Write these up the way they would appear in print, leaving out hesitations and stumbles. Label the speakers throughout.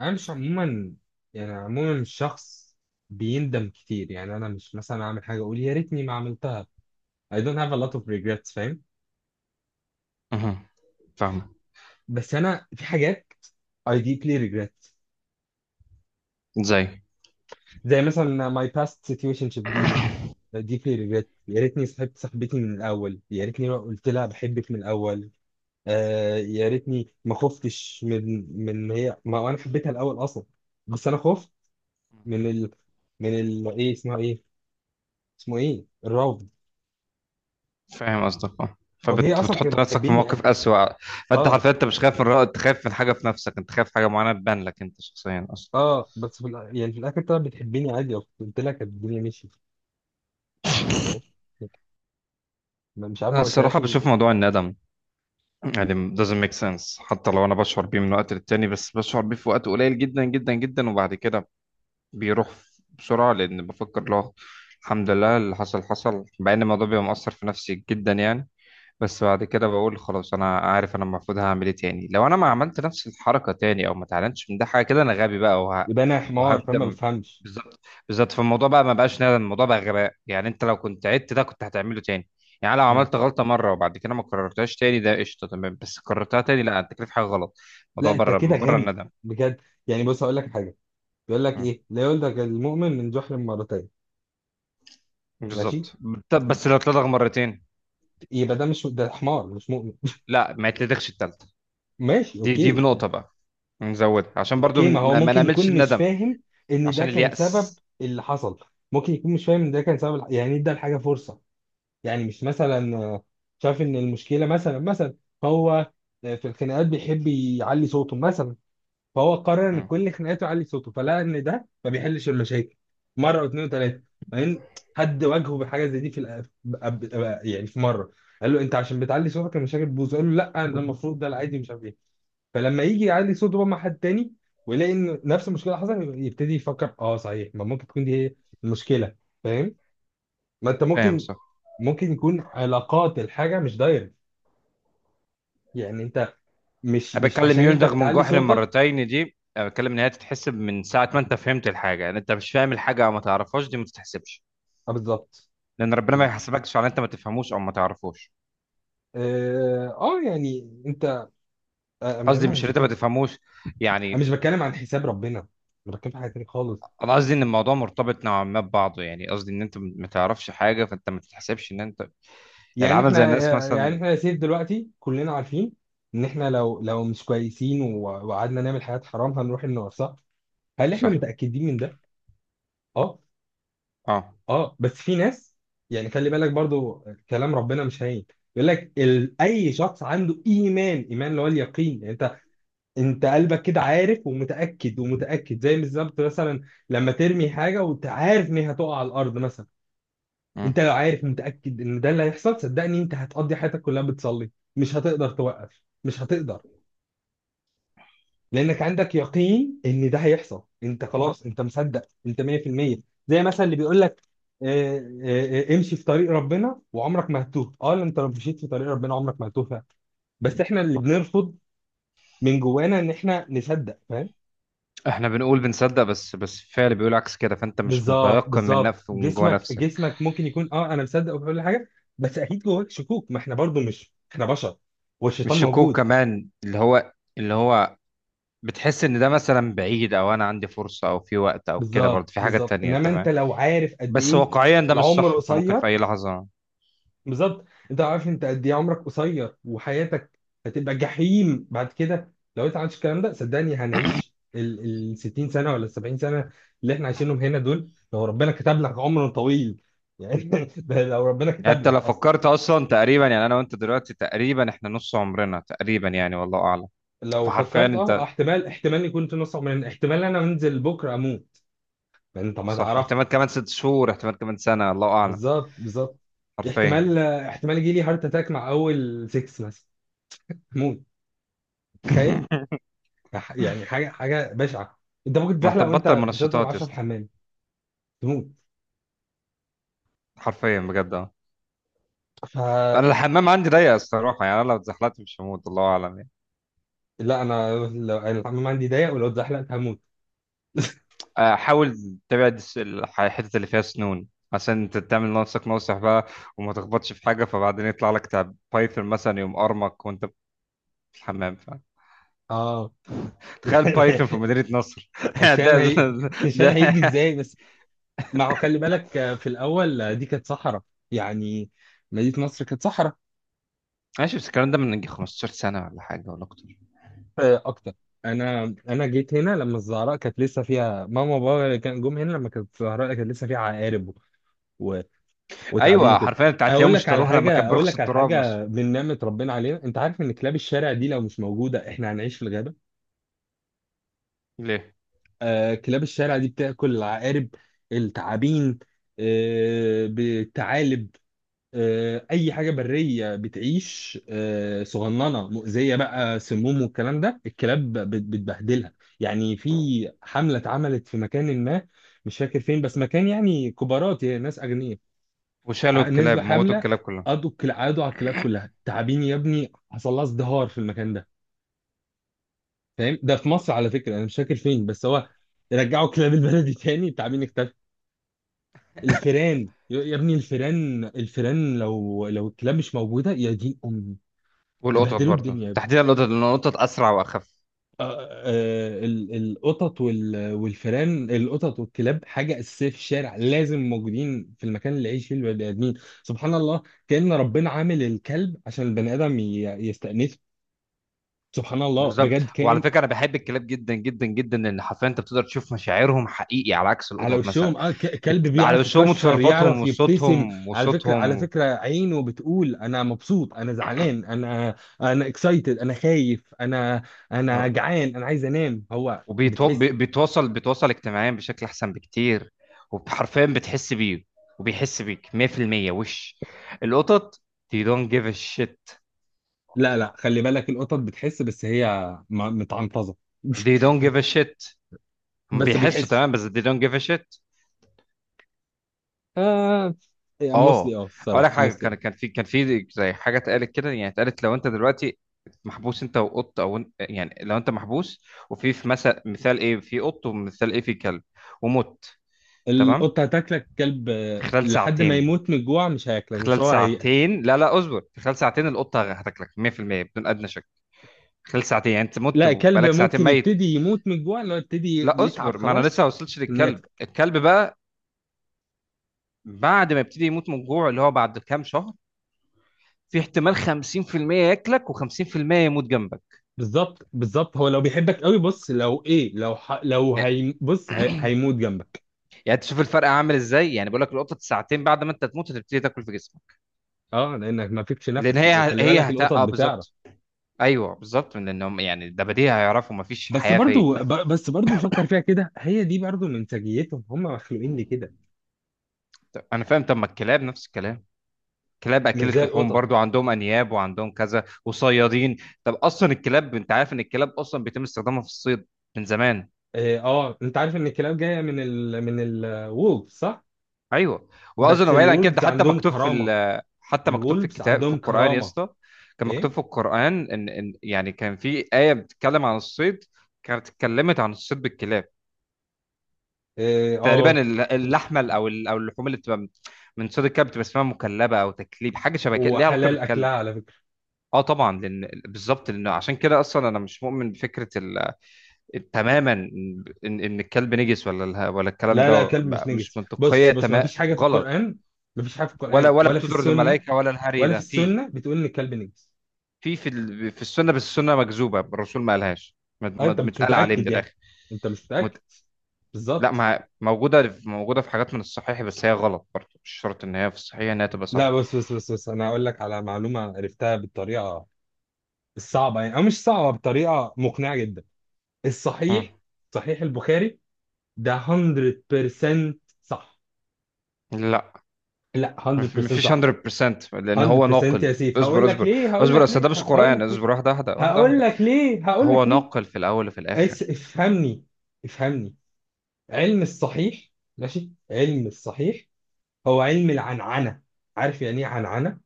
Speaker 1: انا مش عموما، يعني عموما مش شخص بيندم كتير. يعني انا مش مثلا اعمل حاجه اقول يا ريتني ما عملتها. I don't have a lot of regrets. فاهم؟
Speaker 2: اها، فاهمة.
Speaker 1: بس انا في حاجات I deeply regret،
Speaker 2: ازاي؟
Speaker 1: زي مثلا my past situationship دي. I deeply regret، يا ريتني صاحبت صاحبتي من الاول، يا ريتني ما قلت لها بحبك من الاول. آه، يا ريتني ما خفتش من هي، ما انا حبيتها الاول اصلا. بس انا خفت من ال، من ال ايه اسمها ايه اسمه ايه، الرفض.
Speaker 2: فاهم قصدك، اه.
Speaker 1: وهي اصلا كانت
Speaker 2: فبتحط نفسك في
Speaker 1: بتحبني
Speaker 2: موقف
Speaker 1: عادي.
Speaker 2: أسوأ. فأنت
Speaker 1: اه،
Speaker 2: حرفيا أنت مش خايف من رأي، أنت خايف من حاجة في نفسك، أنت خايف حاجة معينة تبان لك أنت شخصيا أصلا.
Speaker 1: اه، بس يعني في الاخر طلعت بتحبني عادي، قلت لها كانت الدنيا مشيت. فاهم؟ مش عارف
Speaker 2: أنا
Speaker 1: ما
Speaker 2: الصراحة
Speaker 1: قلتلهاش
Speaker 2: بشوف موضوع الندم يعني doesn't make sense. حتى لو أنا بشعر بيه من وقت للتاني بس بشعر بيه في وقت قليل جدا جدا جدا، وبعد كده بيروح بسرعة لأن بفكر له الحمد لله اللي حصل حصل، مع إن الموضوع بيبقى مؤثر في نفسي جدا يعني. بس بعد كده بقول خلاص انا عارف انا المفروض هعمل ايه تاني. لو انا ما عملت نفس الحركه تاني او ما اتعلمتش من ده حاجه كده انا غبي بقى
Speaker 1: يبقى انا حمار فما
Speaker 2: وهندم.
Speaker 1: بفهمش.
Speaker 2: بالظبط، بالظبط. فالموضوع بقى ما بقاش ندم، الموضوع بقى غباء. يعني انت لو كنت عدت ده كنت هتعمله تاني. يعني لو
Speaker 1: مم.
Speaker 2: عملت غلطه مره وبعد كده ما كررتهاش تاني ده قشطه تمام، بس كررتها تاني لا انت كده في حاجه غلط. الموضوع
Speaker 1: لا، انت
Speaker 2: بره
Speaker 1: كده
Speaker 2: بره
Speaker 1: غبي
Speaker 2: الندم.
Speaker 1: بجد. يعني بص هقول لك حاجه، بيقول لك
Speaker 2: مم.
Speaker 1: ايه؟ لا يولدك المؤمن من جحر مرتين. ماشي.
Speaker 2: بالظبط. طب بس لو اتلدغ مرتين؟
Speaker 1: يبقى ده، مش ده حمار مش مؤمن
Speaker 2: لا، ما يتلدغش التالتة.
Speaker 1: ماشي،
Speaker 2: دي
Speaker 1: اوكي.
Speaker 2: بنقطه بقى، نزودها عشان برضو
Speaker 1: اوكي، ما هو
Speaker 2: ما
Speaker 1: ممكن
Speaker 2: نعملش
Speaker 1: يكون مش
Speaker 2: الندم
Speaker 1: فاهم ان ده
Speaker 2: عشان
Speaker 1: كان
Speaker 2: اليأس.
Speaker 1: سبب اللي حصل. ممكن يكون مش فاهم ان ده كان سبب يعني ادى الحاجه فرصه. يعني مش مثلا شاف ان المشكله مثلا، مثلا هو في الخناقات بيحب يعلي صوته مثلا. فهو قرر ان
Speaker 2: مم.
Speaker 1: كل خناقاته يعلي صوته، فلقى ان ده ما بيحلش المشاكل. مره واثنين وثلاثه، بعدين حد واجهه بحاجه زي دي في الأ- أب- أب- يعني في مره قال له انت عشان بتعلي صوتك المشاكل بتبوظ، قال له لا ده المفروض، ده العادي، مش عارف ايه. فلما يجي يعلي صوته بقى مع حد تاني ويلاقي ان نفس المشكله حصلت، يبتدي يفكر اه صحيح، ما ممكن تكون دي هي المشكله. فاهم؟ ما انت
Speaker 2: فاهم،
Speaker 1: ممكن،
Speaker 2: صح.
Speaker 1: ممكن يكون علاقات الحاجة مش دايركت. يعني انت مش
Speaker 2: انا
Speaker 1: مش
Speaker 2: بتكلم
Speaker 1: عشان انت
Speaker 2: يلدغ من
Speaker 1: بتعلي
Speaker 2: جحر
Speaker 1: صوتك.
Speaker 2: مرتين دي، انا بتكلم ان هي تتحسب من ساعه ما انت فهمت الحاجه. يعني انت مش فاهم الحاجه او ما تعرفهاش دي ما تتحسبش،
Speaker 1: اه، بالظبط.
Speaker 2: لان ربنا ما
Speaker 1: بز-
Speaker 2: يحاسبكش على انت ما تفهموش او ما تعرفوش.
Speaker 1: اه، آه، يعني انت، ما
Speaker 2: قصدي
Speaker 1: انا
Speaker 2: مش إن
Speaker 1: مش
Speaker 2: انت ما
Speaker 1: بتكلم.
Speaker 2: تفهموش
Speaker 1: انا مش
Speaker 2: يعني.
Speaker 1: بتكلم عن حساب ربنا، انا بتكلم في حاجة تانية خالص.
Speaker 2: انا قصدي ان الموضوع مرتبط نوعا ما ببعضه، يعني قصدي ان انت ما تعرفش حاجه فانت ما تتحسبش ان انت يعني
Speaker 1: يعني
Speaker 2: عامل زي
Speaker 1: احنا،
Speaker 2: الناس
Speaker 1: آه، يعني
Speaker 2: مثلا.
Speaker 1: احنا يا سيف دلوقتي كلنا عارفين ان احنا لو مش كويسين وقعدنا نعمل حاجات حرام هنروح النار، صح؟ هل احنا
Speaker 2: صح.
Speaker 1: متأكدين من ده؟ اه،
Speaker 2: اه.
Speaker 1: اه. بس في ناس، يعني خلي بالك برضو كلام ربنا مش هين. يقول لك اي شخص عنده ايمان، ايمان اللي هو اليقين، يعني انت قلبك كده عارف ومتاكد ومتاكد، زي بالظبط مثلا لما ترمي حاجه وانت عارف ان هي هتقع على الارض مثلا.
Speaker 2: مم.
Speaker 1: انت لو عارف متاكد ان ده اللي هيحصل، صدقني انت هتقضي حياتك كلها بتصلي. مش هتقدر توقف، مش هتقدر. لانك عندك يقين ان ده هيحصل، انت خلاص انت مصدق، انت 100%. زي مثلا اللي بيقول لك، آه، امشي في طريق ربنا وعمرك ما هتتوه. اه لأ، انت لو مشيت في طريق ربنا عمرك ما هتتوه فعلا. بس احنا اللي بنرفض من جوانا ان احنا نصدق. فاهم؟
Speaker 2: احنا بنقول بنصدق بس فعل بيقول عكس كده، فانت مش
Speaker 1: بالظبط
Speaker 2: متيقن من
Speaker 1: بالظبط.
Speaker 2: نفسك من جوه
Speaker 1: جسمك
Speaker 2: نفسك.
Speaker 1: جسمك ممكن يكون اه انا مصدق وكل حاجه، بس اكيد جواك شكوك. ما احنا برضو، مش احنا بشر، والشيطان
Speaker 2: مش شكوك
Speaker 1: موجود.
Speaker 2: كمان، اللي هو اللي هو بتحس ان ده مثلا بعيد او انا عندي فرصه او في وقت او كده،
Speaker 1: بالظبط
Speaker 2: برضه في حاجه
Speaker 1: بالظبط.
Speaker 2: تانية
Speaker 1: انما
Speaker 2: انت
Speaker 1: انت
Speaker 2: فاهم.
Speaker 1: لو عارف قد
Speaker 2: بس
Speaker 1: ايه
Speaker 2: واقعيا ده مش
Speaker 1: العمر
Speaker 2: صح، احنا ممكن في
Speaker 1: قصير.
Speaker 2: اي لحظه.
Speaker 1: بالظبط. انت ما عارفش انت قد ايه عمرك قصير، وحياتك هتبقى جحيم بعد كده لو انت عملتش الكلام ده. صدقني هنعيش ال 60 سنه ولا ال 70 سنه اللي احنا عايشينهم هنا دول، لو ربنا كتب لك عمر طويل يعني ده لو ربنا
Speaker 2: يعني
Speaker 1: كتب
Speaker 2: انت
Speaker 1: لك
Speaker 2: لو
Speaker 1: اصلا.
Speaker 2: فكرت اصلا تقريبا، يعني انا وانت دلوقتي تقريبا احنا نص عمرنا تقريبا يعني، والله اعلم.
Speaker 1: لو
Speaker 2: فحرفيا
Speaker 1: فكرت اه، اه،
Speaker 2: انت
Speaker 1: احتمال يكون في نص عمرنا، احتمال انا انزل بكره اموت. ما انت ما
Speaker 2: صح.
Speaker 1: تعرف.
Speaker 2: احتمال كمان ست شهور، احتمال كمان سنه، الله اعلم.
Speaker 1: بالظبط بالظبط.
Speaker 2: حرفيا.
Speaker 1: احتمال يجي لي هارت اتاك مع اول 6 مثلا، موت، تخيل. يعني حاجه بشعه. انت ممكن
Speaker 2: ما انت
Speaker 1: تزحلق وانت
Speaker 2: تبطل
Speaker 1: بتضرب
Speaker 2: منشطات يا
Speaker 1: 10 في
Speaker 2: اسطى.
Speaker 1: الحمام تموت.
Speaker 2: حرفيا بجد، اه.
Speaker 1: ف،
Speaker 2: انا الحمام عندي ضيق الصراحه، يعني انا لو اتزحلقت مش هموت، الله اعلم يعني.
Speaker 1: لا انا، لو انا الحمام عندي ضيق ولو اتزحلقت هموت.
Speaker 2: آه، حاول تبعد الحتت اللي فيها سنون، عشان انت تعمل لنفسك ناصح بقى وما تخبطش في حاجه فبعدين يطلع لك تعب بايثون مثلا يقوم ارمك وانت في الحمام
Speaker 1: اه
Speaker 2: تخيل بايثون في مدينه نصر! ده
Speaker 1: الشام
Speaker 2: ده,
Speaker 1: هي، الشام هيجي
Speaker 2: ده.
Speaker 1: ازاي بس؟ ما هو خلي بالك، آه، في الاول آه، دي كانت صحراء. يعني مدينه مصر كانت صحراء.
Speaker 2: ماشي بس الكلام ده من يجي 15 سنه ولا حاجه ولا اكتر.
Speaker 1: آه، اكتر. انا جيت هنا لما الزهراء كانت لسه فيها، ماما وبابا كان جم هنا لما كانت الزهراء كانت لسه فيها عقارب وتعبين
Speaker 2: ايوه،
Speaker 1: وكده.
Speaker 2: حرفيا انت هتلاقيهم اشتروها لما كان
Speaker 1: اقول
Speaker 2: برخص
Speaker 1: لك على
Speaker 2: التراب بس.
Speaker 1: حاجه، من نعمه ربنا علينا، انت عارف ان كلاب الشارع دي لو مش موجوده احنا هنعيش في الغابه.
Speaker 2: ليه؟
Speaker 1: آه، كلاب الشارع دي بتاكل العقارب، التعابين، آه، بالثعالب، آه، اي حاجه بريه بتعيش، آه، صغننه مؤذيه بقى، سموم والكلام ده، الكلاب بتبهدلها. يعني في حمله اتعملت في مكان ما، مش فاكر فين، بس مكان يعني كبارات يعني ناس اغنياء.
Speaker 2: وشالوا
Speaker 1: نزلوا
Speaker 2: الكلاب، موتوا
Speaker 1: حمله،
Speaker 2: الكلاب كلها.
Speaker 1: قضوا قعدوا على الكلاب كلها، تعابين يا ابني حصل لها ازدهار في المكان ده. فاهم؟ ده في مصر على فكره، انا مش فاكر فين بس هو. رجعوا كلاب البلدي تاني، التعابين اختفت. الفيران يا ابني، الفيران لو الكلاب مش موجوده يا دين امي
Speaker 2: والقطط
Speaker 1: هيبهدلوا
Speaker 2: برضو،
Speaker 1: الدنيا يا ابني.
Speaker 2: تحديدا القطط، لان القطط اسرع واخف.
Speaker 1: آه، آه، آه، القطط والفيران، القطط والكلاب حاجه اساسيه في الشارع، لازم موجودين في المكان اللي يعيش فيه البني ادمين. سبحان الله. كأن ربنا عامل الكلب عشان البني آدم يستأنسه. سبحان الله
Speaker 2: بالظبط.
Speaker 1: بجد
Speaker 2: وعلى
Speaker 1: كائن.
Speaker 2: فكره انا بحب الكلاب جدا جدا جدا، لان حرفيا انت بتقدر تشوف مشاعرهم حقيقي على عكس
Speaker 1: على
Speaker 2: القطط مثلا.
Speaker 1: وشهم، اه، كلب
Speaker 2: على
Speaker 1: بيعرف
Speaker 2: وشهم
Speaker 1: يكشر،
Speaker 2: وتصرفاتهم
Speaker 1: يعرف يبتسم.
Speaker 2: وصوتهم
Speaker 1: على فكرة، على
Speaker 2: وصوتهم.
Speaker 1: فكرة عينه بتقول انا مبسوط، انا زعلان، انا، انا اكسايتد، انا خايف، انا، انا
Speaker 2: آه.
Speaker 1: جعان، انا عايز انام، هو
Speaker 2: وبيتو... بي-
Speaker 1: بتحس.
Speaker 2: بيتواصل بيتواصل اجتماعيا بشكل احسن بكتير، وحرفيا بتحس بيه وبيحس بيك 100% وش. القطط they don't give a shit.
Speaker 1: لا لا، خلي بالك القطط بتحس، بس هي متعنطظة
Speaker 2: they don't give a shit، هم
Speaker 1: بس
Speaker 2: بيحسوا
Speaker 1: بيحس.
Speaker 2: تمام بس they don't give a shit.
Speaker 1: آه.
Speaker 2: اه.
Speaker 1: موسلي اه،
Speaker 2: اقول لك
Speaker 1: الصراحة
Speaker 2: حاجه،
Speaker 1: موسلي
Speaker 2: كان
Speaker 1: اه.
Speaker 2: كان في كان في زي حاجه اتقالت كده. يعني اتقالت لو انت دلوقتي محبوس انت وقط، او انت يعني لو انت محبوس وفي مثال ايه في قط ومثال ايه في كلب ومت. تمام.
Speaker 1: القطة هتاكلك، كلب آه،
Speaker 2: في خلال
Speaker 1: لحد ما
Speaker 2: ساعتين.
Speaker 1: يموت من الجوع مش هياكلك، بس
Speaker 2: خلال
Speaker 1: هو
Speaker 2: ساعتين، لا اصبر. في خلال ساعتين القطه هتاكلك 100% بدون ادنى شك. خلال ساعتين يعني انت مت
Speaker 1: لا، كلب
Speaker 2: وبقالك ساعتين
Speaker 1: ممكن
Speaker 2: ميت.
Speaker 1: يبتدي يموت من الجوع، اللي هو يبتدي
Speaker 2: لا
Speaker 1: يتعب
Speaker 2: اصبر، ما انا لسه ما
Speaker 1: خلاص
Speaker 2: وصلتش
Speaker 1: ان ياكل.
Speaker 2: للكلب. الكلب بقى بعد ما يبتدي يموت من الجوع اللي هو بعد كام شهر، في احتمال 50% ياكلك و50% يموت جنبك.
Speaker 1: بالظبط بالظبط، هو لو بيحبك قوي، بص لو ايه، لو هي، هيموت جنبك.
Speaker 2: يعني تشوف الفرق عامل ازاي. يعني بقول لك القطط ساعتين بعد ما انت تموت هتبتدي تاكل في جسمك،
Speaker 1: اه لانك ما فيكش
Speaker 2: لان
Speaker 1: نفس، خلي بالك القطط
Speaker 2: اه،
Speaker 1: بتعرف.
Speaker 2: بالظبط. ايوه بالظبط، لان هم يعني ده بديهي هيعرفوا مفيش حياه فيا.
Speaker 1: بس برضو فكر فيها كده، هي دي برضو من سجيتهم، هم مخلوقين لكده.
Speaker 2: طب انا فاهم، طب ما الكلاب نفس الكلام؟ الكلاب
Speaker 1: مش زي
Speaker 2: اكلت لحوم
Speaker 1: القطط.
Speaker 2: برضو، عندهم انياب وعندهم كذا وصيادين. طب اصلا الكلاب انت عارف ان الكلاب اصلا بيتم استخدامها في الصيد من زمان.
Speaker 1: اه، آه، انت عارف ان الكلاب جايه من من الولفز، صح؟
Speaker 2: ايوه.
Speaker 1: بس
Speaker 2: واظن بعيد عن كده ده
Speaker 1: الولفز
Speaker 2: حتى
Speaker 1: عندهم
Speaker 2: مكتوب في
Speaker 1: كرامه.
Speaker 2: حتى مكتوب في
Speaker 1: الولفز
Speaker 2: الكتاب، في
Speaker 1: عندهم
Speaker 2: القران يا
Speaker 1: كرامه.
Speaker 2: اسطى. كان مكتوب
Speaker 1: ايه.
Speaker 2: في القران ان يعني كان في ايه بتتكلم عن الصيد، كانت اتكلمت عن الصيد بالكلاب.
Speaker 1: اه،
Speaker 2: تقريبا
Speaker 1: آه.
Speaker 2: اللحمه ال- او ال- او اللحوم اللي بتبقى من من صيد الكلب بتبقى اسمها مكلبه او تكليب، حاجه شبه كده ليها علاقه
Speaker 1: وحلال اكلها
Speaker 2: بالكلب.
Speaker 1: على فكره.
Speaker 2: اه طبعا، لان بالظبط لان عشان كده اصلا انا مش مؤمن بفكره تماما ان الكلب نجس ولا الكلام
Speaker 1: لا لا،
Speaker 2: ده،
Speaker 1: كلب مش
Speaker 2: مش
Speaker 1: نجس. بص
Speaker 2: منطقيه
Speaker 1: بص، ما
Speaker 2: تمام،
Speaker 1: فيش حاجه في
Speaker 2: غلط.
Speaker 1: القران، ما فيش حاجه في
Speaker 2: ولا
Speaker 1: القران
Speaker 2: ولا
Speaker 1: ولا في
Speaker 2: بتدرج
Speaker 1: السنه،
Speaker 2: الملائكه ولا الهري
Speaker 1: ولا في
Speaker 2: ده. في
Speaker 1: السنه بتقول ان الكلب نجس.
Speaker 2: في السنه، بس السنه مكذوبه، الرسول ما قالهاش،
Speaker 1: آه، انت مش
Speaker 2: متقال عليه من
Speaker 1: متاكد يعني،
Speaker 2: الاخر.
Speaker 1: انت مش متاكد.
Speaker 2: مت... لا
Speaker 1: بالظبط.
Speaker 2: ما موجوده، موجوده في حاجات من الصحيح بس هي غلط برضه، مش شرط ان هي في الصحيح انها تبقى صح.
Speaker 1: لا بص، انا هقول لك على معلومه عرفتها بالطريقه الصعبه، يعني او مش صعبه، بطريقه مقنعه جدا.
Speaker 2: مم.
Speaker 1: الصحيح، صحيح البخاري ده 100% صح.
Speaker 2: لا،
Speaker 1: لا، 100%
Speaker 2: مفيش
Speaker 1: صح.
Speaker 2: 100%، لان هو
Speaker 1: 100%
Speaker 2: ناقل.
Speaker 1: يا سيف، هقول
Speaker 2: اصبر
Speaker 1: لك
Speaker 2: اصبر
Speaker 1: ليه، هقول
Speaker 2: اصبر،
Speaker 1: لك
Speaker 2: اصل ده
Speaker 1: ليه
Speaker 2: مش
Speaker 1: هقول
Speaker 2: قران.
Speaker 1: لك ليه
Speaker 2: اصبر، واحده واحده واحده
Speaker 1: هقول
Speaker 2: واحده.
Speaker 1: لك ليه هقول
Speaker 2: هو
Speaker 1: لك ليه
Speaker 2: ناقل في الاول وفي الاخر.
Speaker 1: افهمني، افهمني. علم الصحيح. ماشي، علم الصحيح هو علم العنعنة. عارف يعني ايه عنعنة؟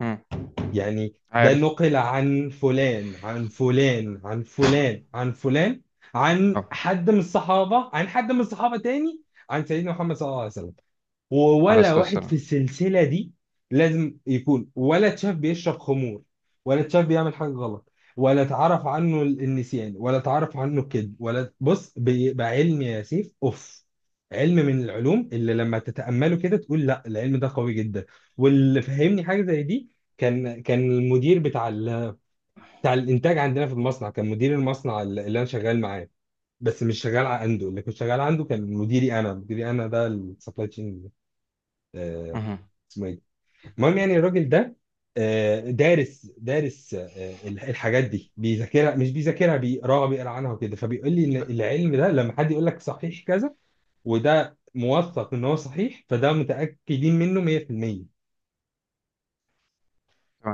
Speaker 2: مم.
Speaker 1: يعني ده
Speaker 2: عارف.
Speaker 1: نقل عن فلان عن فلان عن فلان عن فلان، عن
Speaker 2: اه.
Speaker 1: حد من الصحابة، عن حد من الصحابة تاني، عن سيدنا محمد صلى الله عليه وسلم.
Speaker 2: عليه
Speaker 1: ولا
Speaker 2: الصلاه
Speaker 1: واحد في
Speaker 2: والسلام.
Speaker 1: السلسلة دي لازم يكون ولا اتشاف بيشرب خمور، ولا اتشاف بيعمل حاجة غلط، ولا اتعرف عنه النسيان، ولا اتعرف عنه الكذب ولا بص، بيبقى علم يا سيف اوف، علم من العلوم اللي لما تتأمله كده تقول لا العلم ده قوي جدا. واللي فهمني حاجة زي دي، كان المدير بتاع بتاع الانتاج عندنا في المصنع، كان مدير المصنع اللي انا شغال معاه، بس مش شغال عنده، اللي كنت شغال عنده كان مديري انا، مديري انا ده السبلاي تشين.
Speaker 2: مهم.
Speaker 1: اسمه ايه. المهم، يعني الراجل ده آه، دارس، دارس آه، الحاجات دي بيذاكرها، مش بيذاكرها بيقراها، بيقرا عنها وكده، فبيقول لي ان العلم ده لما حد يقول لك صحيح كذا وده موثق ان هو صحيح، فده متاكدين منه 100%.